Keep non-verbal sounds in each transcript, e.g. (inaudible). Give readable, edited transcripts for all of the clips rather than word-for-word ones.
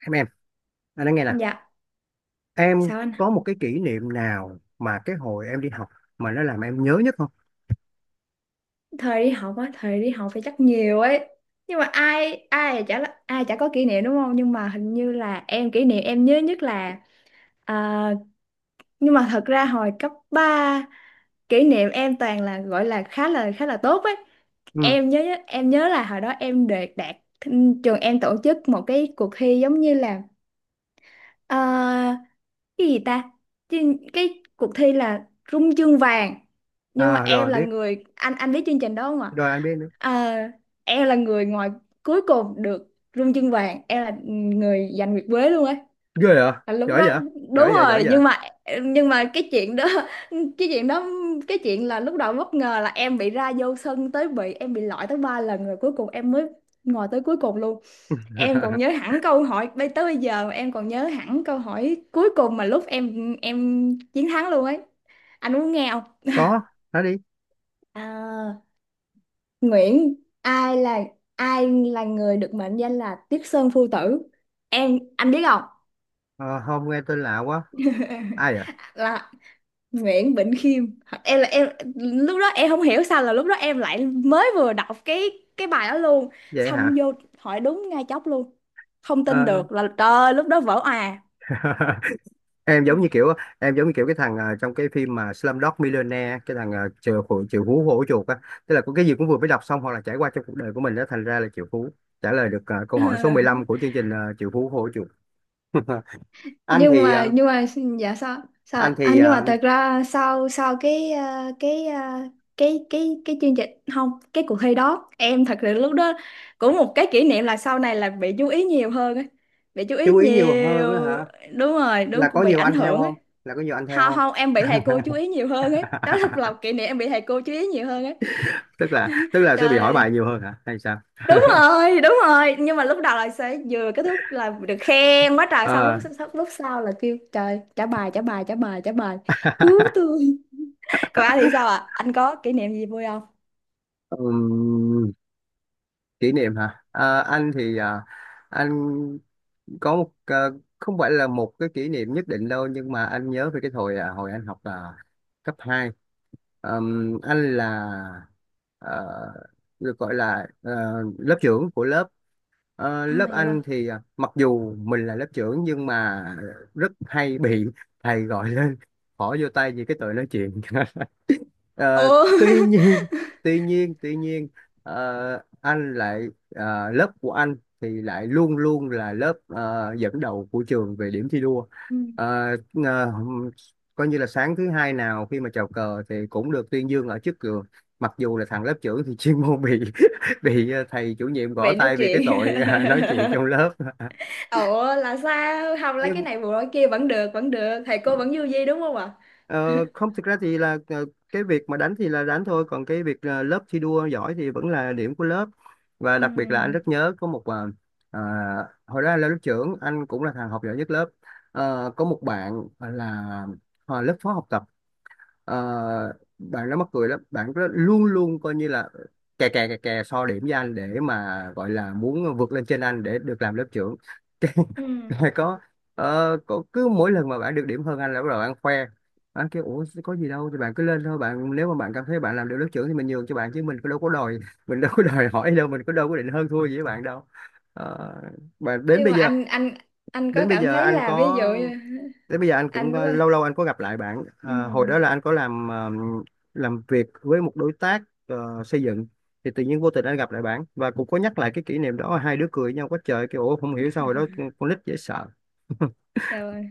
Em, anh nói nghe nè. Dạ, Em sao anh? có một cái kỷ niệm nào mà cái hồi em đi học mà nó làm em nhớ nhất không? Thời đi học á, thời đi học thì chắc nhiều ấy. Nhưng mà ai ai chả là- ai chả có kỷ niệm đúng không? Nhưng mà hình như là em kỷ niệm em nhớ nhất là à, nhưng mà thật ra hồi cấp 3 kỷ niệm em toàn là gọi là khá là tốt ấy. Ừ, Em nhớ em nhớ là hồi đó em được đạt, trường em tổ chức một cái cuộc thi giống như là Ờ, cái gì ta? Cái cuộc thi là Rung chương vàng, nhưng mà à em rồi là biết, người, anh biết chương trình đó không ạ? rồi anh biết nữa. Ờ, em là người ngoài cuối cùng được rung chương vàng, em là người giành nguyệt quế luôn ấy. Ghê vậy, Là lúc giỏi đó vậy, giỏi đúng vậy giỏi rồi, vậy nhưng mà nhưng mà cái chuyện đó cái chuyện đó cái chuyện là lúc đầu bất ngờ là em bị ra vô sân tới, bị em bị loại tới ba lần, rồi cuối cùng em mới ngồi tới cuối cùng luôn. Em còn nhớ (laughs) hẳn câu hỏi, bây giờ em còn nhớ hẳn câu hỏi cuối cùng mà lúc em chiến thắng luôn ấy. Anh muốn nghe không? Có, nói đi. À, Nguyễn, ai là ai là người được mệnh danh là Tiết Sơn Phu Tử? Em, anh biết không? Ờ, không, nghe tên lạ quá. (laughs) Ai à? Là Nguyễn Bỉnh Khiêm. Em là em lúc đó em không hiểu sao là lúc đó em lại mới vừa đọc cái bài đó luôn, Vậy xong hả? vô hỏi đúng ngay chốc luôn. Không tin Ờ, được là trời ơi, lúc đó vỡ òa. (laughs) em giống như kiểu, em giống như kiểu cái thằng trong cái phim mà Slumdog Millionaire, cái thằng chịu hủ chịu hú hổ chuột á. Tức là có cái gì cũng vừa mới đọc xong hoặc là trải qua trong cuộc đời của mình đó, thành ra là triệu phú, trả lời được câu hỏi số 15 (laughs) của chương trình triệu phú hổ chuột. (laughs) Anh nhưng thì mà nhưng mà dạ sao sao anh ạ? À, thì nhưng mà ờ, thật ra sau sau cái ờ, cái ờ, cái chương trình không cái cuộc thi đó em thật sự lúc đó cũng một cái kỷ niệm là sau này là bị chú ý nhiều hơn ấy, bị chú ý chú ý nhiều hơn á nhiều hả? đúng rồi, Là đúng, có cũng bị nhiều ảnh anh theo hưởng ấy. không? là có nhiều anh theo không không không em bị thầy cô chú ý nhiều hơn ấy, đó là một (laughs) kỷ niệm, em bị thầy cô chú ý nhiều hơn ấy. tức là (laughs) tức là sẽ bị Trời hỏi bài ơi, nhiều hơn hả hay sao? đúng rồi đúng rồi, nhưng mà lúc đầu là sẽ vừa kết thúc là được khen quá trời, xong Ờ, lúc sau là kêu trời, trả bài, cứu (laughs) tôi. Còn anh thì sao ạ? À, anh có kỷ niệm gì vui không? ừm, kỷ niệm hả? Ờ, anh thì anh có một, không phải là một cái kỷ niệm nhất định đâu, nhưng mà anh nhớ về cái hồi à, hồi anh học à, cấp hai. Anh là ờ, được gọi là lớp trưởng của lớp. Ờ, À lớp dạ vâng, anh thì à, mặc dù mình là lớp trưởng nhưng mà rất hay bị thầy gọi lên (laughs) bỏ vô tay vì cái tội nói chuyện. (laughs) Ờ, ồ (laughs) tuy nhiên (laughs) tuy nhiên anh lại, lớp của anh thì lại luôn luôn là lớp dẫn đầu của trường về điểm thi đua. Ừ, Ờ, ờ, coi như là sáng thứ hai nào khi mà chào cờ thì cũng được tuyên dương ở trước trường, mặc dù là thằng lớp trưởng thì (laughs) chuyên môn bị (laughs) bị thầy chủ nhiệm gõ vậy nói tay vì cái chuyện tội nói (laughs) chuyện trong lớp. (laughs) ủa là sao, không lấy cái Nhưng này bù lỗi kia, vẫn được, vẫn được, thầy cô vẫn vui vui đúng không ạ? Ờ, không, thực ra thì là cái việc mà đánh thì là đánh thôi, còn cái việc lớp thi đua giỏi thì vẫn là điểm của lớp. Và Ừ. đặc biệt là anh rất nhớ có một, à, hồi đó anh là lớp trưởng, anh cũng là thằng học giỏi nhất lớp. Ờ, có một bạn là lớp phó học tập. Ờ, bạn nó mắc cười lắm, bạn rất luôn luôn coi như là kè kè so điểm với anh để mà gọi là muốn vượt lên trên anh để được làm lớp trưởng. (laughs) Ừ. Rồi có có cứ mỗi lần mà bạn được điểm hơn anh là bắt đầu bạn khoe. Anh kêu ủa có gì đâu, thì bạn cứ lên thôi bạn, nếu mà bạn cảm thấy bạn làm được lớp trưởng thì mình nhường cho bạn, chứ mình có đâu có đòi, mình đâu có (laughs) đòi hỏi đâu, mình có đâu có định hơn thua gì với bạn đâu. Ờ, mà đến Nhưng bây mà giờ, anh có đến bây cảm giờ thấy anh là ví dụ có như thế bây giờ anh cũng anh có, lâu lâu anh có gặp lại bạn. ừ. Ờ, hồi đó là anh có làm làm việc với một đối tác xây dựng, thì tự nhiên vô tình anh gặp lại bạn và cũng có nhắc lại cái kỷ niệm đó, hai đứa cười nhau quá trời, kiểu ủa không hiểu sao hồi đó con nít dễ sợ. Dạ vâng.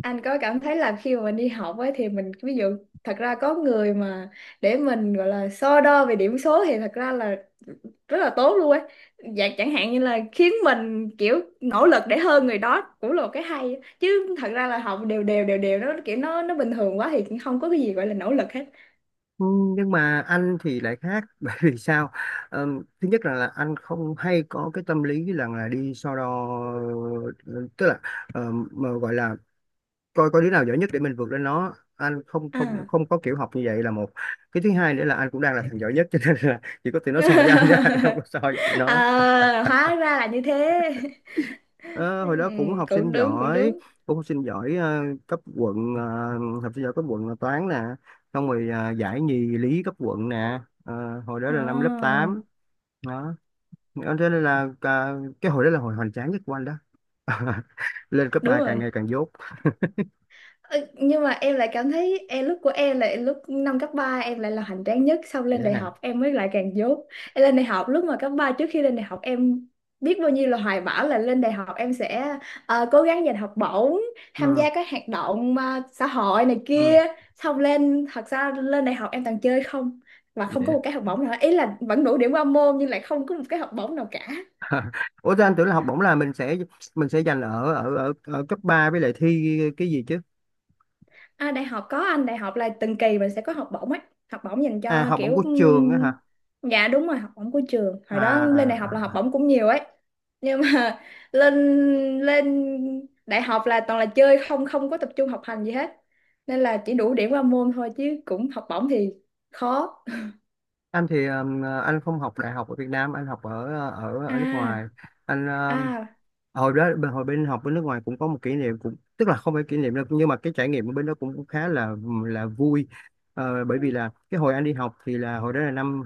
Anh có cảm thấy là khi mà mình đi học ấy thì mình ví dụ, thật ra có người mà để mình gọi là so đo về điểm số thì thật ra là rất là tốt luôn ấy. Dạ, chẳng hạn như là khiến mình kiểu nỗ lực để hơn người đó cũng là một cái hay ấy. Chứ thật ra là học đều đều nó kiểu nó bình thường quá thì không có cái gì gọi là nỗ lực hết. Ừ, nhưng mà anh thì lại khác (laughs) bởi vì sao? Ờ, thứ nhất là, anh không hay có cái tâm lý là đi so đo, tức là mà gọi là coi có đứa nào giỏi nhất để mình vượt lên nó, anh không không À, không có kiểu học như vậy. Là một cái thứ hai nữa là anh cũng đang là thằng giỏi nhất, (laughs) cho nên là chỉ có tụi nó soi với anh ra, (laughs) không có (laughs) soi với tụi nó. à hóa ra là như thế. (laughs) Ờ, hồi đó cũng học sinh cũng đúng cũng giỏi, đúng cũng học sinh giỏi cấp quận, học sinh giỏi cấp quận là toán nè, xong rồi giải nhì lý cấp quận nè. Ờ, hồi đó là năm lớp à, 8 đó. Ờ, thế nên là à, cái hồi đó là hồi hoành tráng nhất của anh đó. (laughs) Lên cấp đúng 3 càng rồi. ngày càng dốt. Ừ, nhưng mà em lại cảm thấy em, lúc của em là lúc năm cấp 3 em lại là hoành tráng nhất, xong lên Vậy đại hả? học em mới lại càng dốt. Em lên đại học, lúc mà cấp 3 trước khi lên đại học, em biết bao nhiêu là hoài bão là lên đại học em sẽ cố gắng giành học bổng, tham Ừ, gia các hoạt động xã hội này kia. ừ. Xong lên, thật ra lên đại học em toàn chơi không, và không có Để một cái học bổng nào, ý là vẫn đủ điểm qua môn nhưng lại không có một cái học bổng nào cả. (laughs) ủa thế anh tưởng là học bổng là mình sẽ, mình sẽ dành ở ở ở ở cấp 3 với lại thi cái gì chứ? À, đại học có, anh, đại học là từng kỳ mình sẽ có học bổng ấy, học bổng dành À cho học bổng kiểu của trường á hả? dạ đúng rồi, học bổng của trường, À, hồi đó lên à, đại học là học à. bổng cũng nhiều ấy, nhưng mà (laughs) lên lên đại học là toàn là chơi không, không có tập trung học hành gì hết, nên là chỉ đủ điểm qua môn thôi, chứ cũng học bổng thì khó. Anh thì anh không học đại học ở Việt Nam, anh học ở ở (laughs) ở nước ngoài. Anh À, à hồi đó bên, hồi bên học bên nước ngoài cũng có một kỷ niệm, cũng tức là không phải kỷ niệm đâu, nhưng mà cái trải nghiệm ở bên đó cũng, cũng khá là vui. Ờ, bởi vì là cái hồi anh đi học thì là hồi đó là năm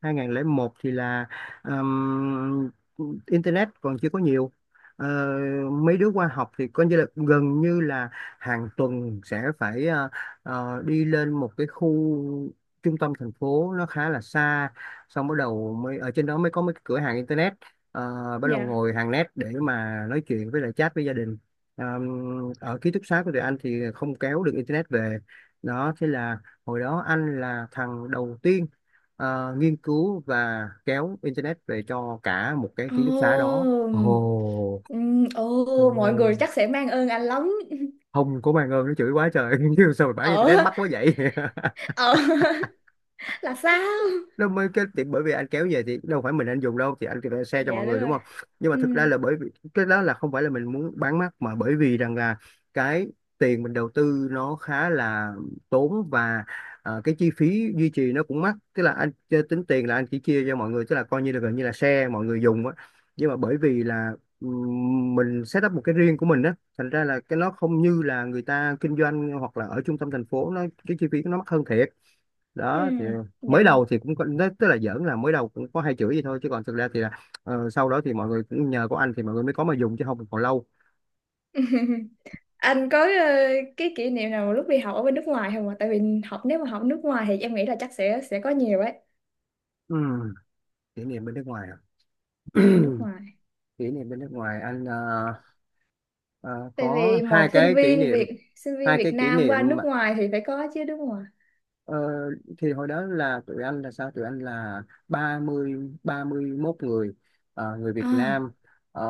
2001 một thì là ừm, internet còn chưa có nhiều. Ờ, mấy đứa qua học thì coi như là gần như là hàng tuần sẽ phải đi lên một cái khu trung tâm thành phố nó khá là xa, xong bắt đầu mới ở trên đó mới có mấy cái cửa hàng internet, bắt đầu dạ, ngồi hàng net để mà nói chuyện với lại chat với gia đình. Ờ, ở ký túc xá của tụi anh thì không kéo được internet về. Đó thế là hồi đó anh là thằng đầu tiên nghiên cứu và kéo internet về cho cả một cái ký túc xá ồ đó. Ồ, ồ mọi người ồ, chắc sẽ mang ơn anh lắm. không có mang ơn, nó chửi quá trời, (laughs) nhưng sao mà bán internet Ở mắc quá vậy? (laughs) ở (laughs) là sao? Nó mới cái thì, bởi vì anh kéo về thì đâu phải mình anh dùng đâu, thì anh phải share cho mọi Dạ đúng người, đúng rồi, không? Nhưng mà ừ, thực ra là bởi vì cái đó là không phải là mình muốn bán mắc, mà bởi vì rằng là cái tiền mình đầu tư nó khá là tốn, và cái chi phí duy trì nó cũng mắc, tức là anh chơi tính tiền là anh chỉ chia cho mọi người, tức là coi như là gần như là share mọi người dùng á. Nhưng mà bởi vì là mình set up một cái riêng của mình á, thành ra là cái nó không như là người ta kinh doanh, hoặc là ở trung tâm thành phố nó cái chi phí nó mắc hơn thiệt. ừ, Đó thì dạ mới vâng. đầu thì cũng có, tức là giỡn là mới đầu cũng có hai chửi gì thôi, chứ còn thực ra thì là sau đó thì mọi người cũng nhờ có anh thì mọi người mới có mà dùng, chứ không thì còn lâu. Anh có cái kỷ niệm nào lúc đi học ở bên nước ngoài không ạ? Tại vì học, nếu mà học nước ngoài thì em nghĩ là chắc sẽ có nhiều ấy. Ừ. Kỷ niệm bên nước ngoài à? Dạ (clears throat) nước ngoài, Kỷ niệm bên nước ngoài, anh ờ, tại có vì hai một cái kỷ niệm, sinh viên hai Việt cái kỷ Nam qua niệm nước ngoài thì phải có chứ đúng không ạ? Ờ, thì hồi đó là tụi anh là sao? Tụi anh là 30 31 người người Việt À Nam, ờ,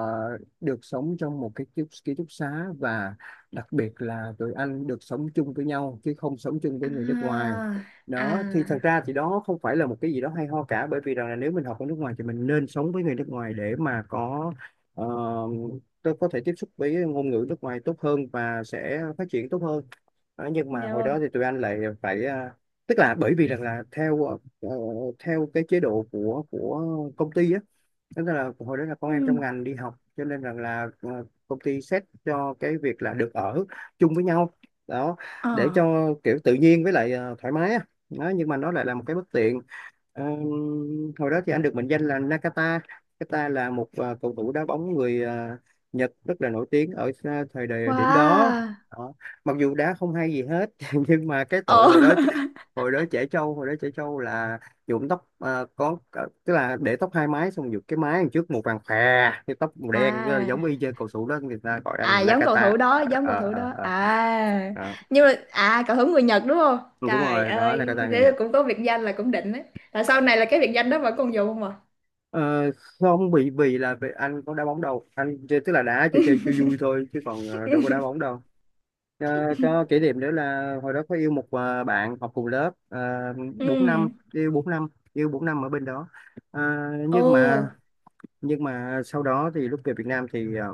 được sống trong một cái ký túc xá, và đặc biệt là tụi anh được sống chung với nhau chứ không sống chung với người nước ngoài. à à, Đó thì thật ra thì đó không phải là một cái gì đó hay ho cả, bởi vì rằng là nếu mình học ở nước ngoài thì mình nên sống với người nước ngoài để mà có ờ, tôi có thể tiếp xúc với ngôn ngữ nước ngoài tốt hơn và sẽ phát triển tốt hơn. Đó, nhưng mà dạ hồi đó vâng, thì tụi anh lại phải à, tức là bởi vì rằng là theo theo cái chế độ của công ty á, tức là hồi đó là con ừ, em trong ngành đi học cho nên rằng là công ty xét cho cái việc là được ở chung với nhau. Đó ờ, để cho kiểu tự nhiên với lại thoải mái á. Đó, nhưng mà nó lại là một cái bất tiện. Ờ, hồi đó thì anh được mệnh danh là Nakata. Nakata là một cầu thủ đá bóng người Nhật rất là nổi tiếng ở thời đại điểm đó. wow, Đó. Mặc dù đá không hay gì hết, (laughs) nhưng mà cái ờ tội hồi đó, hồi đó trẻ trâu là nhuộm tóc tức là để tóc hai mái xong nhuộm cái mái đằng trước màu vàng khè, cái tóc màu (laughs) đen, à, giống y chang cầu thủ đó, người ta gọi anh à là giống cầu Nakata. thủ Ờ, đó, à, Ờ, nhưng mà à cầu thủ người Nhật đúng không? đúng Trời rồi, đó ơi Nakata người thế là Nhật. cũng có biệt danh, là cũng đỉnh đấy. Là sau này là cái biệt danh đó vẫn còn dùng không à? Ờ, không, bị vì là vì anh có đá bóng đâu, anh chơi tức là đá chơi chơi chơi vui thôi, chứ còn đâu có đá (laughs) bóng đâu. Ờ, có kỷ niệm nữa là hồi đó có yêu một bạn học cùng lớp ừ, bốn năm, yêu 4 năm, yêu 4 năm ở bên đó. Ờ, ồ, nhưng mà, nhưng mà sau đó thì lúc về Việt Nam thì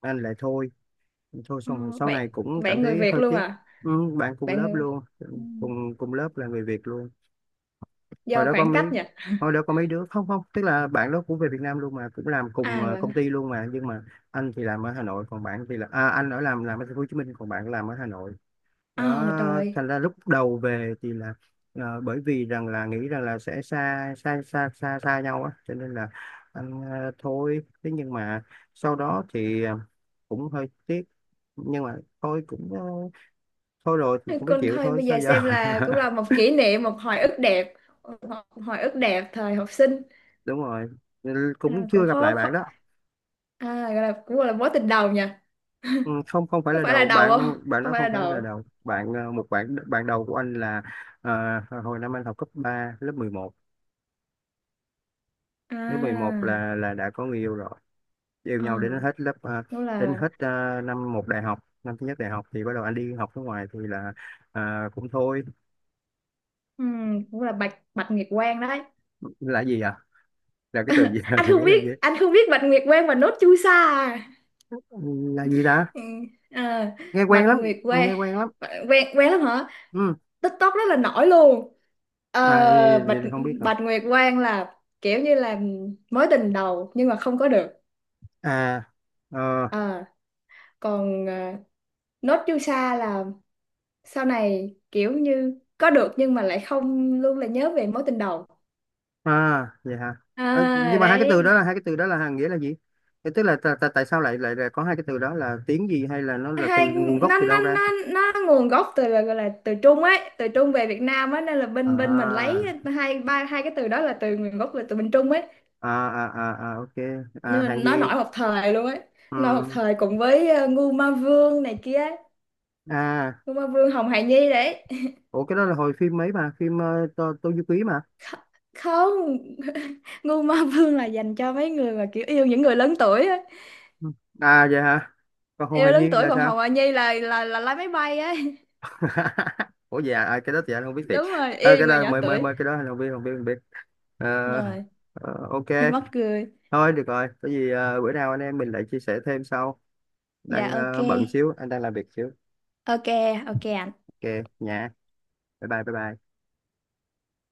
anh lại thôi, thôi Ờ, xong rồi sau bạn này cũng cảm bạn người thấy Việt hơi luôn tiếc. à? Ừ, bạn cùng Bạn lớp người, luôn, ừ. cùng cùng lớp là người Việt luôn. Hồi Do đó có khoảng mấy, cách nhỉ. hồi đó có mấy đứa không, không tức là bạn đó cũng về Việt Nam luôn mà cũng làm (laughs) cùng À công bạn, ty luôn, mà nhưng mà anh thì làm ở Hà Nội, còn bạn thì là à, anh ở làm ở thành phố Hồ Chí Minh còn bạn làm ở Hà Nội. Đó, ờ trời, thành ra lúc đầu về thì là bởi vì rằng là nghĩ rằng là sẽ xa xa xa xa xa nhau á cho nên là anh thôi thế, nhưng mà sau đó thì cũng hơi tiếc. Nhưng mà thôi cũng thôi rồi thì cũng phải con chịu thôi thôi, bây sao giờ giờ. xem là cũng là một (laughs) kỷ niệm, một hồi ức đẹp. Một hồi ức đẹp thời học sinh. Đúng rồi. Ừ, Ừ, cũng chưa cũng gặp lại khó bạn khó. đó. À, gọi là cũng gọi là mối tình đầu nhỉ, Ừ, không, không phải có là phải là đầu đầu bạn, không? bạn Không đó phải không là phải là đầu đầu bạn, một bạn, bạn đầu của anh là ờ, hồi năm anh học cấp 3 lớp mười một. lớp mười một à? là là đã có người yêu rồi, yêu Ờ, nhau đến hết lớp đúng đến là, hết năm một đại học, năm thứ nhất đại học thì bắt đầu anh đi học nước ngoài thì là ờ, cũng thôi. Cũng là bạch bạch nguyệt quang đấy. Là gì à? Là cái từ gì (laughs) Anh là không nghĩa là biết, gì? anh không biết bạch nguyệt quang và nốt chu sa à? Ừ, là gì ta, Ừ. À, nghe quen bạch lắm, nguyệt quang, nghe quen lắm. quen quen lắm hả? Ừ. TikTok rất là nổi luôn. À vậy, Ờ, vậy, bạch vậy thì không biết rồi. bạch nguyệt quang là kiểu như là mối tình đầu nhưng mà không có được. À, ờ, Ờ, còn ờ, nốt chu sa là sau này kiểu như có được nhưng mà lại không, luôn là nhớ về mối tình đầu. à vậy hả? Ờ, À, nhưng mà hai cái từ đấy, đó là, hai cái từ đó là hàng nghĩa là gì? Thế tức là tại tại tại sao lại lại lại có hai cái từ đó là tiếng gì, hay là nó là từ hai nguồn gốc nó từ nó đâu ra? nó nó nguồn gốc từ là gọi là từ Trung ấy, từ Trung về Việt Nam á nên là bên bên mình À, lấy. Hai cái từ đó là từ nguồn gốc là từ bên Trung ấy, à à ok. À nhưng mà hàng nó gì? nổi một thời luôn ấy. Nổi một Ừ. thời cùng với Ngu Ma Vương này kia ấy. À Ngu Ma Vương, Hồng Hài Nhi đấy. ủa cái đó là hồi phim mấy, mà phim Tô Du Ký mà. Kh- Không, Ngu Ma Vương là dành cho mấy người mà kiểu yêu những người lớn tuổi ấy. Ừ. À vậy hả? Còn Hồ Yêu Hài lớn Nhi tuổi, là còn sao? Hồng Hài Nhi là là lái máy bay ấy. (laughs) Ủa dạ à, à, cái đó thì anh không biết (laughs) thiệt. Đúng rồi, À, yêu cái người đó nhỏ mới mới tuổi. mới cái đó anh không biết, không biết. Ờ, Rồi ờ, ok. (laughs) mắc cười. Thôi được rồi, có gì bữa nào anh em mình lại chia sẻ thêm sau, Dạ đang ok. Bận xíu, anh đang làm việc xíu. Ok, ok anh. Ok nha, bye bye.